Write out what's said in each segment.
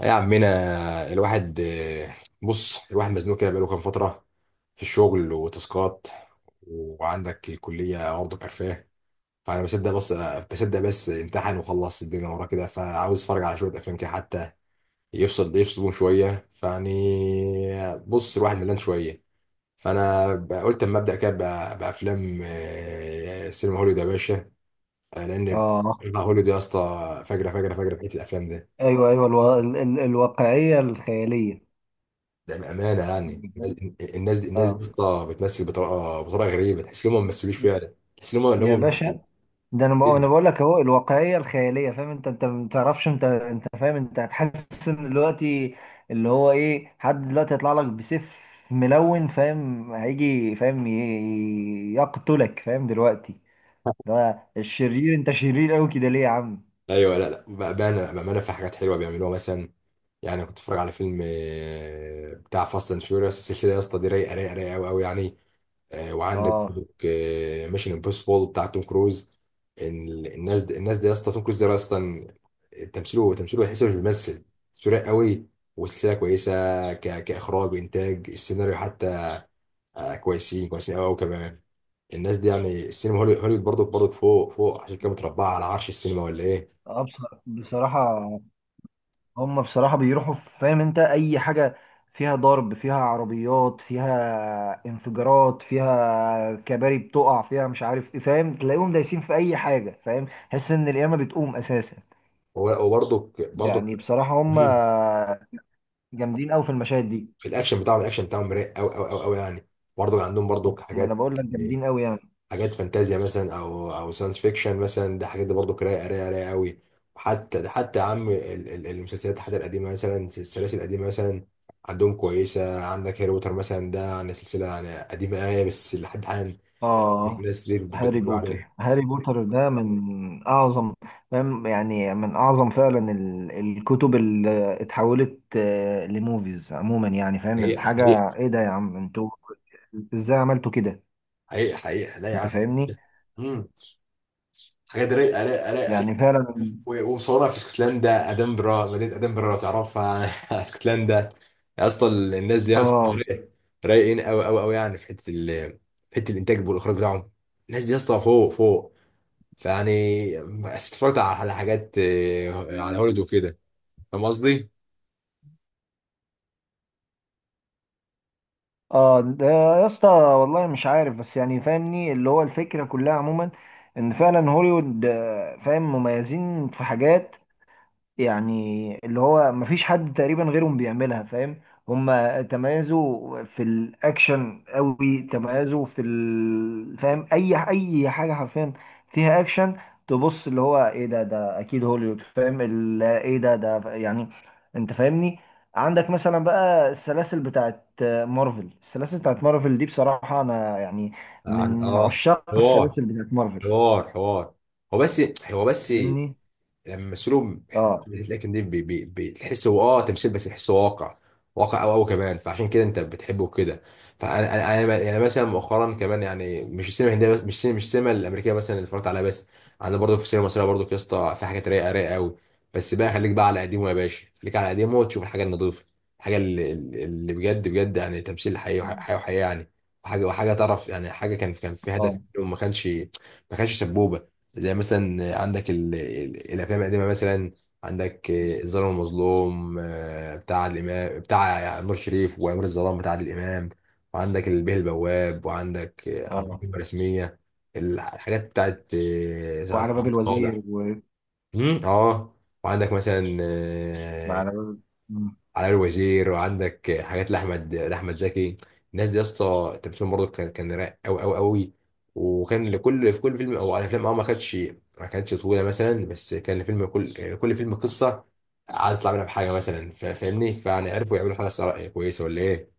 يا عمنا الواحد، بص الواحد مزنوق كده بقاله كام فترة في الشغل وتاسكات، وعندك الكلية برضه كرفاه. فأنا بصدق بس امتحن وخلص الدنيا وراه كده، فعاوز أتفرج على شوية أفلام كده حتى يفصلون شوية. فيعني بص الواحد ملان شوية، فأنا قلت أما أبدأ كده بأفلام. سينما هوليوود يا باشا، لأن اه، بتاع هوليوود يا اسطى فجرة فجرة فجرة في حتة الأفلام ده. ايوه ايوه. الواقعيه الخياليه. ده بامانه يعني الناس دي يا اه اسطى بتمثل بطريقه غريبه، تحس ان هم ما بيمثلوش فعلا، تحس ان هم اللي يا هم باشا، ده انا بقول كده. انا بقول لك اهو الواقعيه الخياليه. فاهم انت ما تعرفش، انت فاهم، انت هتحس ان دلوقتي اللي هو ايه حد دلوقتي هيطلع لك بسيف ملون، فاهم، هيجي فاهم يقتلك، فاهم، دلوقتي ده الشرير. انت شرير قوي كده ليه يا عم؟ ايوه، لا لا بامانه في حاجات حلوه بيعملوها. مثلا يعني كنت بتفرج على فيلم، بتاع فاست اند فيوريوس. السلسله يا اسطى دي رايقه رايقه رايقه قوي قوي يعني. وعندك اه ميشن امبوسيبل بتاع توم كروز. الناس دي يا اسطى، توم كروز ده اصلا تمثيله تحسه مش بيمثل، سريع قوي، والسلسله كويسه. كاخراج وانتاج، السيناريو حتى، كويسين كويسين قوي قوي كمان. الناس دي يعني السينما هوليوود برضك برضك فوق فوق، عشان كده متربعه على عرش السينما ولا ايه؟ اه. بصراحه، هم بصراحة بيروحوا فاهم انت اي حاجة فيها ضرب، فيها عربيات، فيها انفجارات، فيها كباري بتقع، فيها مش عارف ايه، فاهم، تلاقيهم دايسين في اي حاجة، فاهم، تحس ان القيامة بتقوم اساسا. وبرضك برضك. يعني بصراحة هم مم. جامدين قوي في المشاهد دي. في الاكشن بتاعهم رايق قوي قوي قوي قوي يعني. برضه عندهم برضه ما انا حاجات بقول لك يعني، جامدين قوي يعني. حاجات فانتازيا مثلا او ساينس فيكشن مثلا، ده حاجات دي برضه رايقه رايقه رايقه قوي. وحتى ده حتى يا عم المسلسلات، حتى القديمه مثلا، السلاسل القديمه مثلا عندهم كويسه. عندك هاري بوتر مثلا، ده يعني سلسله يعني قديمه قوي، بس لحد الان آه، ناس كتير هاري بتتفرج عليها. بوتر، هاري بوتر ده من أعظم، فاهم، يعني من أعظم فعلا الكتب اللي اتحولت لموفيز عموما، يعني فاهم حقيقة الحاجة؟ حقيقة إيه ده يا عم أنتوا، إزاي عملتوا كده؟ حقيقة حقيقة، لا يا أنت عم. فاهمني، مم. حاجات رايقة رايقة رايقة، يعني فعلا. ومصورها في اسكتلندا مدينه ادنبرا لو تعرفها. اسكتلندا يا اسطى، الناس دي يا اسطى آه رايقين قوي قوي قوي يعني في حته الانتاج والاخراج بتاعهم. الناس دي يا اسطى فوق فوق، فيعني بس اتفرجت على حاجات، على هوليوود وكده. فاهم قصدي؟ آه، ده يا اسطى والله مش عارف، بس يعني فاهمني اللي هو الفكرة كلها عموما، إن فعلا هوليوود، فاهم مميزين في حاجات. يعني اللي هو مفيش حد تقريبا غيرهم بيعملها، فاهم. هما تميزوا في الاكشن قوي، تميزوا في فاهم، اي حاجه حرفيا فيها اكشن. تبص اللي هو ايه، ده اكيد هوليوود، فاهم ايه ده ده يعني. انت فاهمني. عندك مثلا بقى السلاسل بتاعت مارفل، السلاسل بتاعت مارفل دي بصراحه، انا يعني عن من عشاق حوار السلاسل بتاعت مارفل، حوار حوار. هو بس هو بس لما فاهمني. يمثلوا، اه لكن دي بي بتحس هو تمثيل، بس تحسه واقع، واقع قوي قوي كمان، فعشان كده انت بتحبه كده. فانا انا انا يعني مثلا مؤخرا كمان، يعني مش السينما الهنديه بس، مش السينما الامريكيه مثلا اللي اتفرجت عليها بس، عندنا برضه في السينما المصريه، برضه يا اسطى في حاجات رايقه رايقه قوي. بس بقى خليك بقى على قديمه يا باشا، خليك على قديمه وتشوف الحاجه النظيفه، الحاجه اللي بجد بجد، يعني تمثيل حقيقي حقيقي وحقيقي يعني، وحاجه تعرف يعني، حاجه كان في هدف، اه ما كانش سبوبه. زي مثلا عندك الافلام القديمه مثلا، عندك الظالم والمظلوم، بتاع عادل امام، بتاع نور شريف، وامير الظلام بتاع عادل امام، وعندك البيه البواب، وعندك اربعه اه، كلمه رسميه. الحاجات بتاعت سعاد وعلى باب صالح. الوزير. مم، اه. وعندك مثلا ما انا مم. علي الوزير، وعندك حاجات لاحمد زكي. الناس دي يا اسطى تمثيلهم برضه كان رايق قوي قوي قوي، وكان لكل في كل فيلم او على افلام، ما كانتش طويله مثلا، بس كان الفيلم كل كان كل فيلم قصه عايز يطلع منها بحاجه مثلا. فاهمني؟ فيعني عرفوا يعملوا حاجه صراحة كويسه ولا ايه؟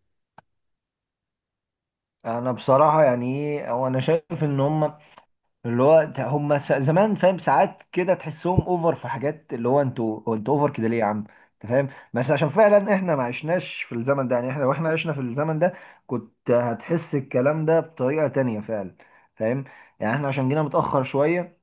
انا بصراحه، يعني ايه هو، انا شايف ان هم اللي هو هم زمان، فاهم، ساعات كده تحسهم اوفر في حاجات، اللي هو انتوا، هو انتوا اوفر كده ليه يا عم؟ انت فاهم. بس عشان فعلا احنا ما عشناش في الزمن ده، يعني احنا واحنا عشنا في الزمن ده كنت هتحس الكلام ده بطريقه تانية فعلا، فاهم، يعني احنا عشان جينا متاخر شويه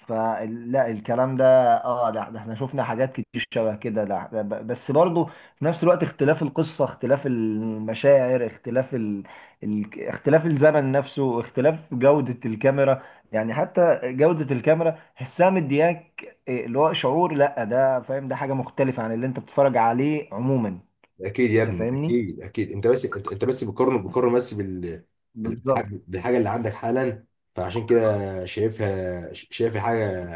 فلا الكلام ده. اه، لا، ده احنا شفنا حاجات كتير شبه كده، لا ده بس برضه في نفس الوقت اختلاف القصة، اختلاف المشاعر، اختلاف الزمن نفسه، اختلاف جودة الكاميرا. يعني حتى جودة الكاميرا حسها مدياك إيه، اللي هو شعور، لا ده فاهم ده حاجة مختلفة عن اللي انت بتتفرج عليه عموما. اكيد يا انت ابني فاهمني؟ اكيد اكيد. انت بس بتقارن بس بالح- بالظبط. بالحاجه اللي عندك حالا، فعشان كده شايف الحاجه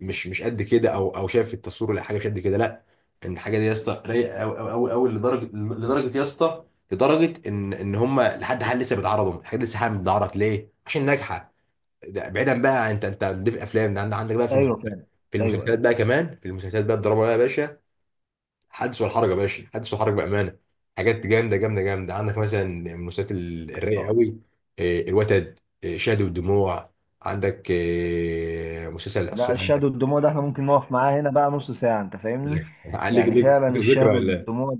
مش قد كده، او شايف التصوير ولا حاجه مش قد كده. لا، ان الحاجه دي يا اسطى رايقه قوي قوي قوي قوي، لدرجه يا اسطى، لدرجه ان هم لحد حال لسه بيتعرضوا، الحاجات دي لسه حالا بتتعرض ليه؟ عشان ناجحه. ده بعيدا بقى، انت دي في الافلام، ده عندك بقى في ايوه فاهم. المسلسلات، في ايوه المسلسلات ايوه. بقى كمان، في المسلسلات بقى الدراما بقى يا باشا، حدث والحرج يا باشا، حدث والحرج بامانه. حاجات جامده جامده جامده. عندك مثلا من المسلسلات الرايقه اه، قوي، الوتد، شهد والدموع، عندك مسلسل لا، العصيان. الشهد والدموع ده احنا ممكن نقف معاه هنا بقى نص ساعة. انت فاهمني؟ عندك يعني ليك فعلا ذكرى الشهد ولا. والدموع،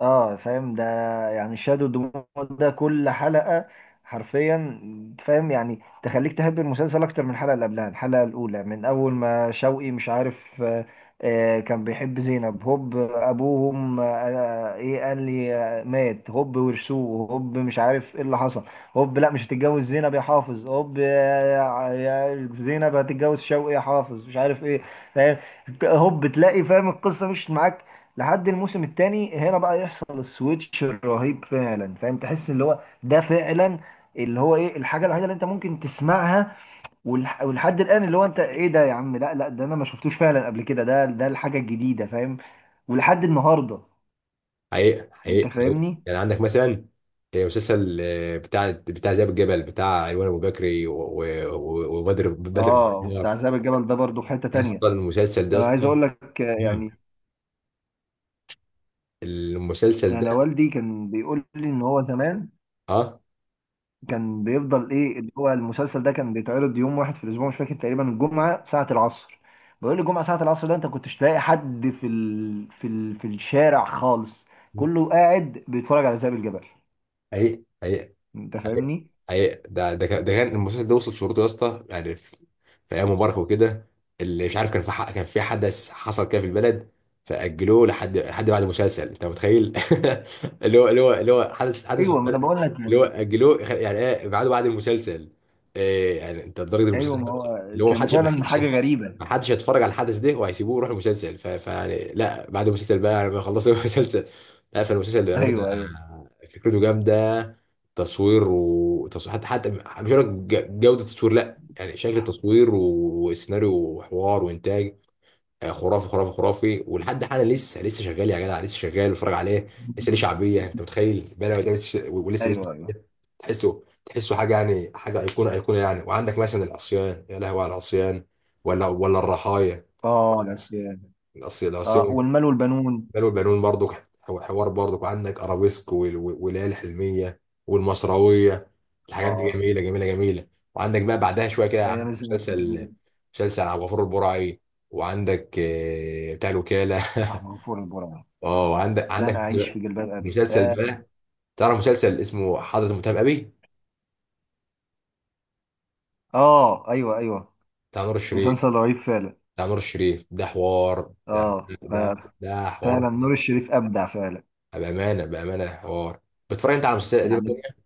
اه فاهم ده. يعني شادو دموع ده كل حلقة حرفيا، فاهم، يعني تخليك تحب المسلسل اكتر من الحلقة اللي قبلها. الحلقة الاولى من اول ما شوقي مش عارف، كان بيحب زينب. هوب، ابوهم، آه ايه قال لي، مات. هوب، ورثوه. هوب، مش عارف ايه اللي حصل. هوب، لا مش هتتجوز زينب يا حافظ. هوب، يا زينب هتتجوز شوقي يا حافظ، مش عارف ايه، فاهم. هوب، تلاقي فاهم القصة مش معاك. لحد الموسم الثاني هنا بقى يحصل السويتش الرهيب فعلا، فاهم، تحس اللي هو ده فعلا اللي هو ايه الحاجه الوحيده اللي انت ممكن تسمعها. ولحد الان اللي هو انت ايه ده يا عم؟ لا لا، ده انا ما شفتوش فعلا قبل كده، ده الحاجه الجديده فاهم، ولحد النهارده. حقيقة انت حقيقة حقيقة فاهمني؟ يعني. عندك مثلا مسلسل بتاع ذئاب الجبل بتاع ايوان ابو بكري، و- وبدر بدر بن اه، الديار. وبتاع ذئب الجبل ده برضو في حته يا تانيه. اسطى المسلسل ده يا انا عايز اسطى. اقول لك مم. يعني المسلسل انا ده، والدي كان بيقول لي ان هو زمان اه كان بيفضل ايه اللي هو المسلسل ده كان بيتعرض يوم واحد في الاسبوع، مش فاكر تقريبا الجمعه ساعه العصر. بقول لي الجمعه ساعه العصر ده انت كنتش تلاقي حد في الشارع خالص، كله قاعد بيتفرج على ذئب الجبل. حقيقي. انت فاهمني. أي- ده كان المسلسل ده وصل شروطه يا اسطى، يعني في ايام مبارك وكده. اللي مش عارف، كان في حدث حصل كده في البلد، فاجلوه لحد بعد المسلسل، انت متخيل؟ اللي هو حدث في ايوه، ما انا البلد، بقول لك اللي يعني. هو اجلوه، يعني ايه، بعد المسلسل؟ إيه يعني؟ انت لدرجه ايوه، المسلسل ما ده، هو اللي هو ما كان حدش ما فعلا حدش حاجه غريبه. ما حدش هيتفرج على الحدث ده وهيسيبوه ويروح المسلسل؟ فيعني لا، بعد المسلسل بقى لما يخلصوا المسلسل. لا فالمسلسل بأمانة، ايوه ايوه فكرته جامدة، تصوير، وتصوير حتى مش هقول لك جودة التصوير لا، يعني شكل التصوير وسيناريو وحوار وإنتاج، خرافي خرافي خرافي. ولحد حالا لسه شغال يا جدع، لسه شغال بتفرج عليه، لسه ليه شعبيه، انت متخيل؟ بلا ده لسه ليه ايوه ايوه. شعبيه. تحسه حاجه يعني، حاجه ايقونه ايقونه يعني. وعندك مثلا العصيان، يا لهوي على العصيان، ولا الرحايا، اه، العصيان. العصيان اه، العصيان والمال والبنون. بلو البنون برضو، حوار برضو. وعندك ارابيسك، والليالي الحلميه، والمصراويه، الحاجات دي اه، جميله جميله جميله. وعندك بقى بعدها شويه كده، ايام عندك الزمن مسلسل الجميل. مسلسل عبد الغفور البرعي، وعندك بتاع الوكاله. غفور البرع. اه، عندك لن عندك اعيش في جلباب ابي. مسلسل اه. بقى، تعرف مسلسل اسمه حضرة المتهم أبي؟ ايوه ايوه. بتاع نور الشريف. مسلسل رهيب فعلا. بتاع نور الشريف ده حوار، ده اه. ده ده حوار، فعلا نور الشريف ابدع فعلا، بأمانة حوار. بتتفرج أنت على مسلسلات قديمة يعني. تانية؟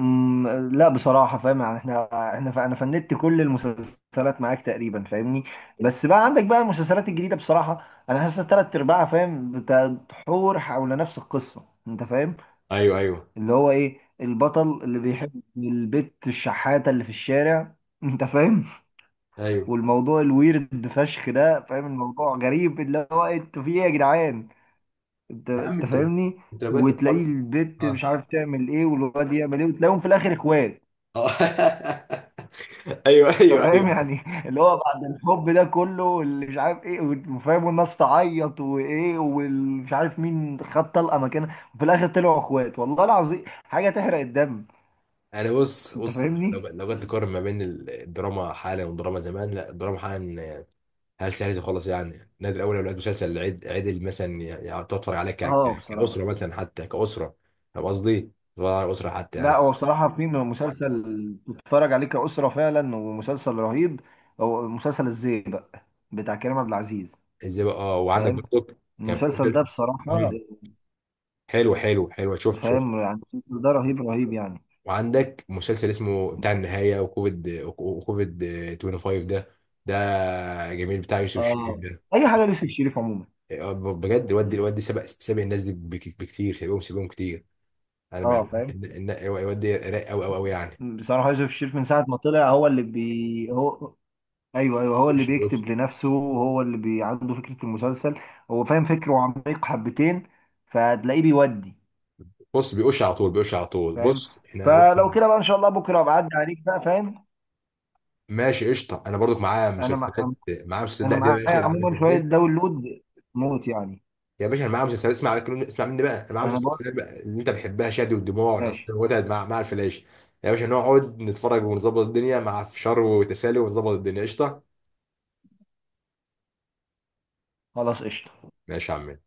أمم، لا بصراحه فاهم، يعني احنا، انا فندت كل المسلسلات معاك تقريبا، فاهمني. بس بقى عندك بقى المسلسلات الجديده بصراحه، انا حاسس ثلاث ارباعها فاهم بتدور حول نفس القصه. انت فاهم؟ أيوه أيوه اللي هو ايه البطل اللي بيحب البت الشحاته اللي في الشارع انت فاهم؟ أيوه، والموضوع الويرد فشخ ده، فاهم، الموضوع غريب، اللي هو إيه، انتوا في ايه يا جدعان؟ انت يا عم انت أنت فاهمني؟ أنت لو بجد وتلاقيه بتتفرج. البت مش اه، عارف تعمل ايه، والواد يعمل ايه، وتلاقيهم في الاخر اخوات. آه. ايوه انت ايوه فاهم، ايوه. يعني. اللي هو بعد الحب ده كله، اللي مش عارف ايه، وفاهم، والناس تعيط، وايه، ومش عارف مين خد طلقه مكانها، وفي الاخر طلعوا اخوات، والله العظيم حاجه تحرق الدم. انا بص انت بص، لو فاهمني. لو جيت تقارن ما بين الدراما حالا والدراما زمان، لا الدراما حالا هل عايز يخلص يعني؟ النادي الاول لو لقيت مسلسل عدل مثلا، يعني تقعد تتفرج عليه اه، كاسره بصراحه، مثلا، حتى كاسره. فاهم قصدي؟ تتفرج على الاسره حتى لا يعني. هو بصراحه في مسلسل تتفرج عليه كأسرة فعلا، ومسلسل رهيب، هو مسلسل الزيبق بتاع كريم عبد العزيز، ازاي بقى؟ اه، وعندك فاهم. برضك كان في المسلسل ده مسلسل. بصراحة مم. حلو حلو حلو، شفت شفت، فاهم، يعني المسلسل ده رهيب رهيب يعني. وعندك مسلسل اسمه بتاع النهايه، وكوفيد 25 ده، ده جميل بتاع يوسف الشريف اه، ده. اي حاجه ليوسف الشريف عموما. اه بجد الواد سابق سابق الناس دي بكتير، سابقهم سابقهم كتير. انا اه فاهم. الواد ده رايق قوي قوي قوي بصراحه يوسف الشريف من ساعه ما طلع هو اللي بي هو ايوه ايوه، هو اللي يعني. بيكتب لنفسه، هو عنده فكره المسلسل، هو فاهم فكره عميق حبتين، فتلاقيه بيودي، بص بيقش على طول، بيقش على طول. فاهم. بص احنا، فلو كده بقى ان شاء الله بكره بعدي عليك بقى فاهم. ماشي قشطه، انا برضك معايا انا مع... مسلسلات معايا مسلسلات انا بقى دي يا معايا باشا اللي انت عموما شويه بتحبها. داونلود موت، يعني. يا باشا انا معايا مسلسلات، اسمع مني، اسمع مني بقى، انا معايا انا بقول مسلسلات بقى اللي انت بتحبها: شادي والدموع، والعصير، ماشي. والوتد مع الفلاش. يا باشا نقعد نتفرج ونظبط الدنيا مع فشار وتسالي، ونظبط الدنيا. قشطه خلاص قشطه. ماشي يا عم.